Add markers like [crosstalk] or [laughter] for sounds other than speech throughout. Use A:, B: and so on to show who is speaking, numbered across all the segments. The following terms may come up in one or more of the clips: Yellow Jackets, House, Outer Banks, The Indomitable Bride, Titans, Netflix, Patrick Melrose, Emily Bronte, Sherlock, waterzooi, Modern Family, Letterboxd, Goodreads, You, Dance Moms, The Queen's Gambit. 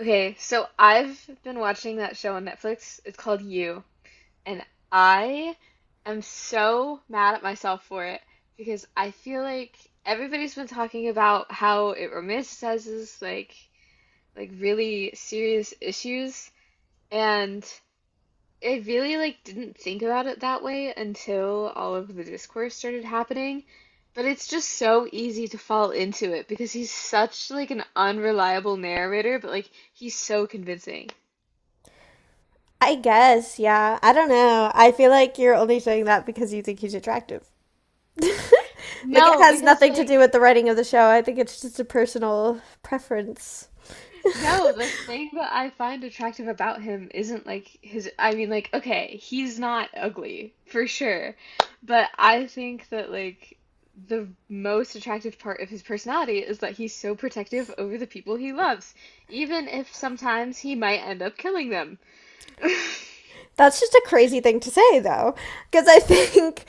A: Okay, so I've been watching that show on Netflix. It's called You, and I am so mad at myself for it because I feel like everybody's been talking about how it romanticizes like really serious issues, and I really like didn't think about it that way until all of the discourse started happening. But it's just so easy to fall into it because he's such like an unreliable narrator, but like he's so convincing.
B: I guess, yeah. I don't know. I feel like you're only saying that because you think he's attractive. Like it
A: No,
B: has
A: because
B: nothing to do
A: like
B: with the writing of the show. I think it's just a personal preference.
A: no, the thing that I find attractive about him isn't like his I mean like okay, he's not ugly for sure, but I think that like the most attractive part of his personality is that he's so protective over the people he loves, even if sometimes he might end up killing them. [laughs]
B: That's just a crazy thing to say though, because I [laughs] think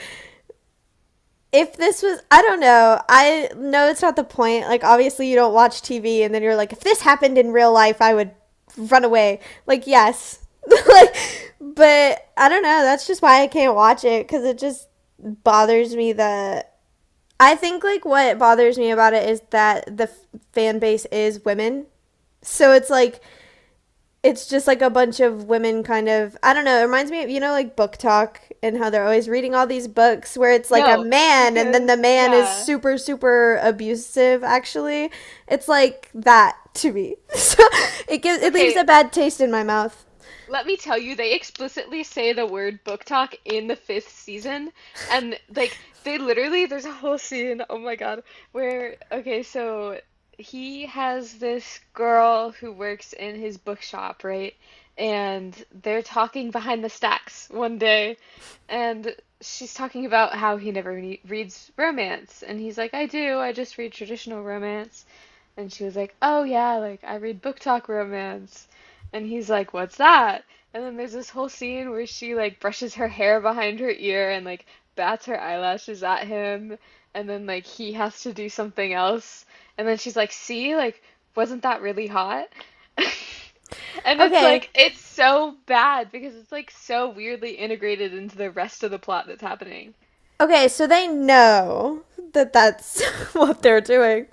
B: if this was I don't know. I know it's not the point. Like obviously you don't watch TV and then you're like if this happened in real life, I would run away. Like yes. [laughs] Like but I don't know. That's just why I can't watch it cuz it just bothers me that I think like what bothers me about it is that the fan base is women. So it's like it's just like a bunch of women kind of I don't know, it reminds me of like book talk and how they're always reading all these books where it's like a
A: No,
B: man and then the
A: because
B: man is
A: yeah.
B: super abusive actually. It's like that to me. [laughs] So it gives it leaves
A: Okay,
B: a bad taste in my mouth.
A: let me tell you, they explicitly say the word book talk in the fifth season, and like they literally, there's a whole scene, oh my God, where okay, so he has this girl who works in his bookshop, right? And they're talking behind the stacks one day, and she's talking about how he never re reads romance, and he's like, I do, I just read traditional romance. And she was like, oh yeah, like I read book talk romance. And he's like, "What's that?" And then there's this whole scene where she like brushes her hair behind her ear and like bats her eyelashes at him. And then like he has to do something else. And then she's like, "See, like wasn't that really hot?" [laughs] And it's
B: Okay.
A: like it's so bad because it's like so weirdly integrated into the rest of the plot that's happening.
B: Okay, so they know that that's [laughs] what they're doing.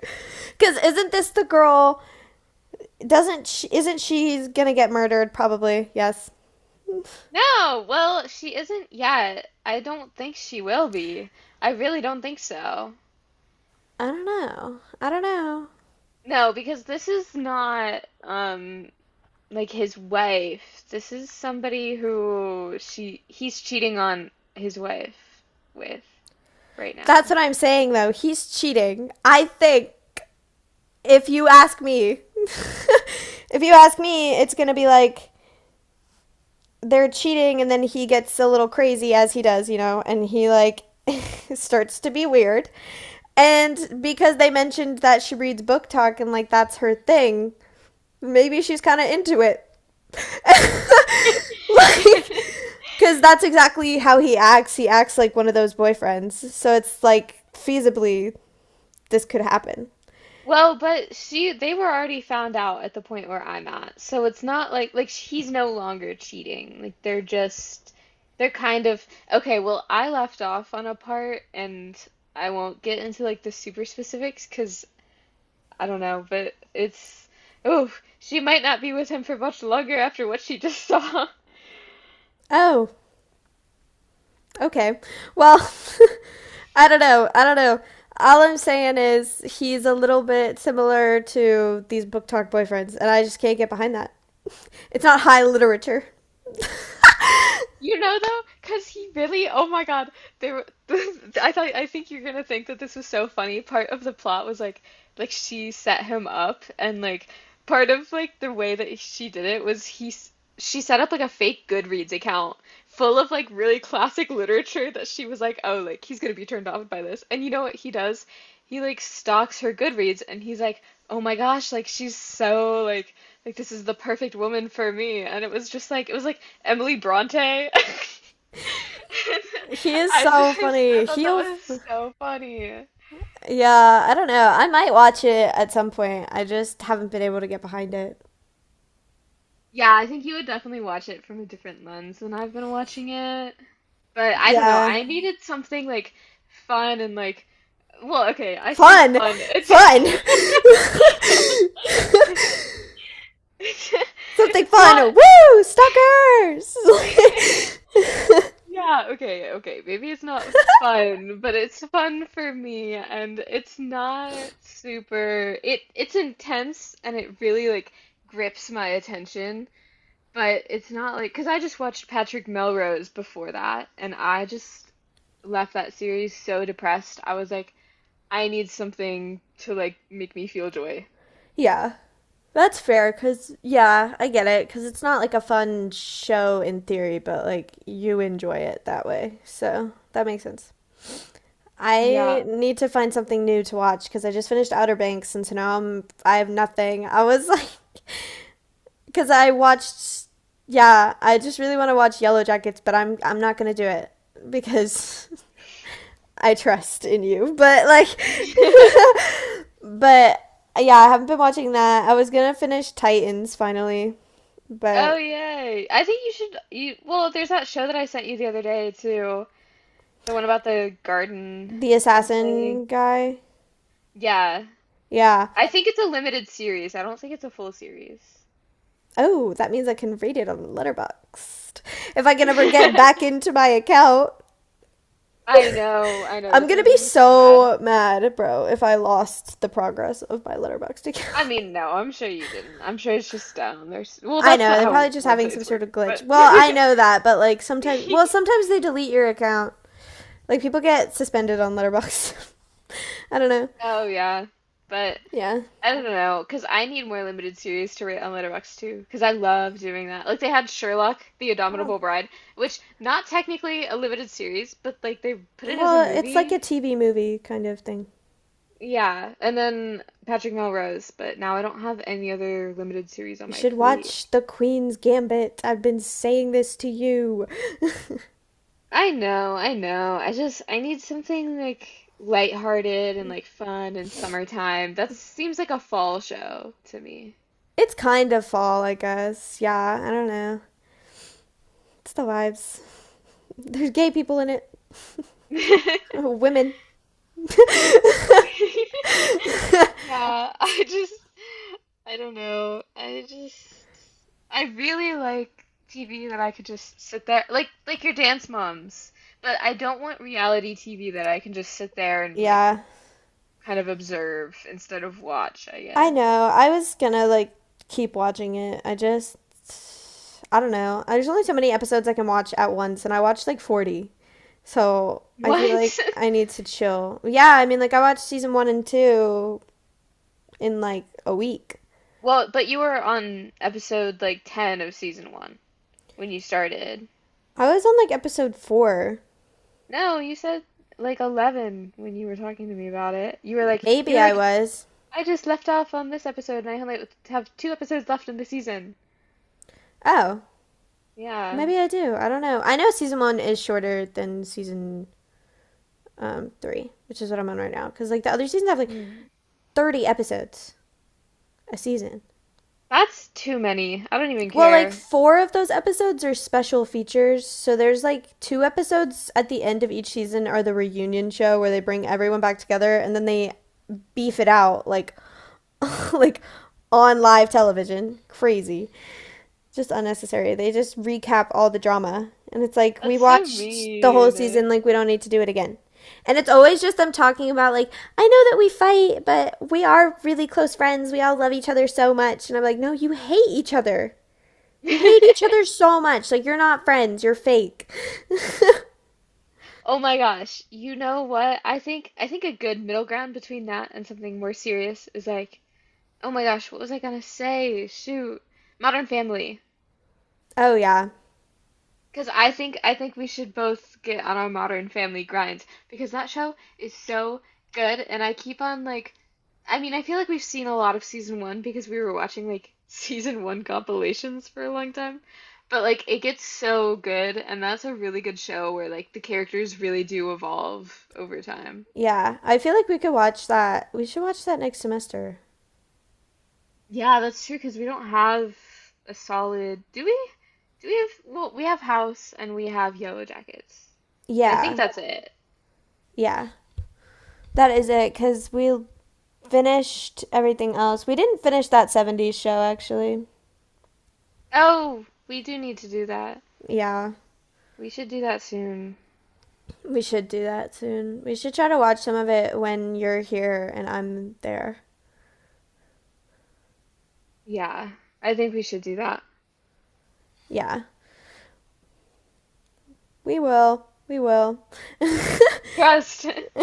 B: Cuz isn't this the girl doesn't she, isn't she gonna get murdered? Probably. Yes.
A: No, well, she isn't yet. I don't think she will be. I really don't think so.
B: I don't know. I don't know.
A: No, because this is not like his wife. This is somebody who she he's cheating on his wife with right
B: That's
A: now.
B: what I'm saying though. He's cheating. I think if you ask me, [laughs] if you ask me, it's gonna be like they're cheating, and then he gets a little crazy as he does, you know, and he like [laughs] starts to be weird. And because they mentioned that she reads book talk and like that's her thing, maybe she's kind of into it. [laughs] like
A: [laughs]
B: because that's exactly how he acts like one of those boyfriends, so it's like feasibly this could happen.
A: Well, but she they were already found out at the point where I'm at. So it's not like like he's no longer cheating. Like they're just they're kind of okay, well, I left off on a part and I won't get into like the super specifics because I don't know, but it's oh, she might not be with him for much longer after what she just saw.
B: Oh, okay. Well, [laughs] I don't know. All I'm saying is he's a little bit similar to these book talk boyfriends, and I just can't get behind that. It's not high literature.
A: You know though, because he really, oh my God, they were. [laughs] I thought, I think you're gonna think that this was so funny. Part of the plot was like she set him up, and like part of like the way that she did it was he, she set up like a fake Goodreads account, full of like really classic literature that she was like, oh, like he's gonna be turned off by this. And you know what he does? He like stalks her Goodreads and he's like, oh my gosh, like she's so like this is the perfect woman for me. And it was just like it was like Emily Bronte. [laughs]
B: He is
A: I
B: so
A: just I
B: funny.
A: thought that
B: He'll
A: was so funny.
B: yeah I don't know, I might watch it at some point. I just haven't been able to get behind it.
A: Yeah, I think you would definitely watch it from a different lens than I've been watching it. But I don't know,
B: Yeah.
A: I needed something like fun and like, well, okay, I say
B: Fun!
A: fun. It's
B: Fun! [laughs]
A: [laughs]
B: Something
A: it's
B: fun!
A: not
B: Woo! Stalkers!
A: [laughs] yeah, okay, okay. Maybe it's not fun, but it's fun for me and it's not super it's intense and it really like grips my attention. But it's not like, because I just watched Patrick Melrose before that, and I just left that series so depressed. I was like, I need something to like make me feel joy.
B: [laughs] Yeah. That's fair, because, yeah, I get it, because it's not like a fun show in theory, but like you enjoy it that way. So that makes sense. I
A: Yeah.
B: need to find something new to watch because I just finished Outer Banks, and so now I have nothing. I was like because I watched. Yeah, I just really want to watch Yellow Jackets, but I'm not gonna do it because [laughs] I trust in you. But like,
A: [laughs]
B: [laughs] but yeah, I haven't been watching that. I was gonna finish Titans finally,
A: Oh,
B: but
A: yay. I think you should, you, well, there's that show that I sent you the other day too, the one about the garden
B: the
A: something.
B: assassin guy.
A: Yeah.
B: Yeah.
A: I think it's a limited series. I don't think it's a full series.
B: Oh, that means I can read it on Letterboxd. If I
A: [laughs]
B: can ever get
A: I
B: back into my account,
A: I know,
B: I'm
A: that's
B: gonna be
A: making me so mad.
B: so mad, bro, if I lost the progress of my Letterboxd
A: I
B: account.
A: mean, no, I'm sure you didn't. I'm sure it's just down. There's well,
B: I
A: that's
B: know
A: not oh,
B: they're probably
A: how
B: just having some
A: websites
B: sort
A: work,
B: of glitch.
A: but
B: Well, I
A: [laughs]
B: know that, but like sometimes, well, sometimes they delete your account. Like people get suspended on Letterbox. [laughs] I don't know.
A: oh yeah, but
B: Yeah.
A: I don't know, cause I need more limited series to rate on Letterboxd too, cause I love doing that. Like they had Sherlock, The
B: Oh.
A: Indomitable Bride, which not technically a limited series, but like they put it as a
B: Well, it's like a
A: movie.
B: TV movie kind of thing.
A: Yeah, and then Patrick Melrose, but now I don't have any other limited series on
B: You
A: my
B: should
A: plate.
B: watch The Queen's Gambit. I've been saying this to you.
A: I know, I know. I need something like lighthearted and like fun and summertime. That seems like a fall show to me.
B: It's kind of fall, I guess. Yeah, I don't know. It's the vibes. There's gay people in it. [laughs]
A: [laughs]
B: Women. [laughs]
A: Yeah, I don't know. I really like TV that I could just sit there like your Dance Moms, but I don't want reality TV that I can just sit there and like
B: Yeah.
A: kind of observe instead of watch, I
B: I
A: guess.
B: know. I was gonna like keep watching it. I just I don't know. There's only so many episodes I can watch at once, and I watched like 40. So I feel like
A: What? [laughs]
B: I need to chill. Yeah, I mean, like I watched season one and two in like a week.
A: Well, but you were on episode like 10 of season 1 when you started.
B: I was on like episode four.
A: No, you said like 11 when you were talking to me about it. You
B: Maybe
A: were
B: I
A: like
B: was.
A: I just left off on this episode and I only have two episodes left in the season.
B: Oh,
A: Yeah.
B: maybe I do. I don't know. I know season one is shorter than season three, which is what I'm on right now. Because like the other seasons have like
A: Hmm.
B: 30 episodes a season.
A: That's too many. I don't even
B: Well, like
A: care.
B: four of those episodes are special features. So there's like two episodes at the end of each season are the reunion show where they bring everyone back together, and then they beef it out like [laughs] like on live television. Crazy. Just unnecessary. They just recap all the drama and it's like we
A: That's so
B: watched the whole
A: mean.
B: season like we don't need to do it again. And it's always just them talking about like I know that we fight, but we are really close friends. We all love each other so much. And I'm like, "No, you hate each other." You hate each other
A: [laughs]
B: so much. Like, you're not friends. You're fake. [laughs]
A: Oh my gosh. You know what? I think a good middle ground between that and something more serious is like oh my gosh, what was I gonna say? Shoot. Modern Family.
B: Oh, yeah.
A: Because I think we should both get on our Modern Family grind because that show is so good and I keep on like I mean, I feel like we've seen a lot of season one because we were watching like [laughs] season one compilations for a long time. But like it gets so good and that's a really good show where like the characters really do evolve over time.
B: Yeah. I feel like we could watch that. We should watch that next semester.
A: Yeah, that's true because we don't have a solid. Do we? Do we have? Well, we have House and we have Yellow Jackets, and I think
B: Yeah.
A: that's it.
B: Yeah. That is it. Because we finished everything else. We didn't finish that '70s show, actually.
A: Oh, we do need to do that.
B: Yeah.
A: We should do that soon.
B: We should do that soon. We should try to watch some of it when you're here and I'm there.
A: Yeah, I think we should do that.
B: Yeah. We will. We will.
A: Trust. [laughs]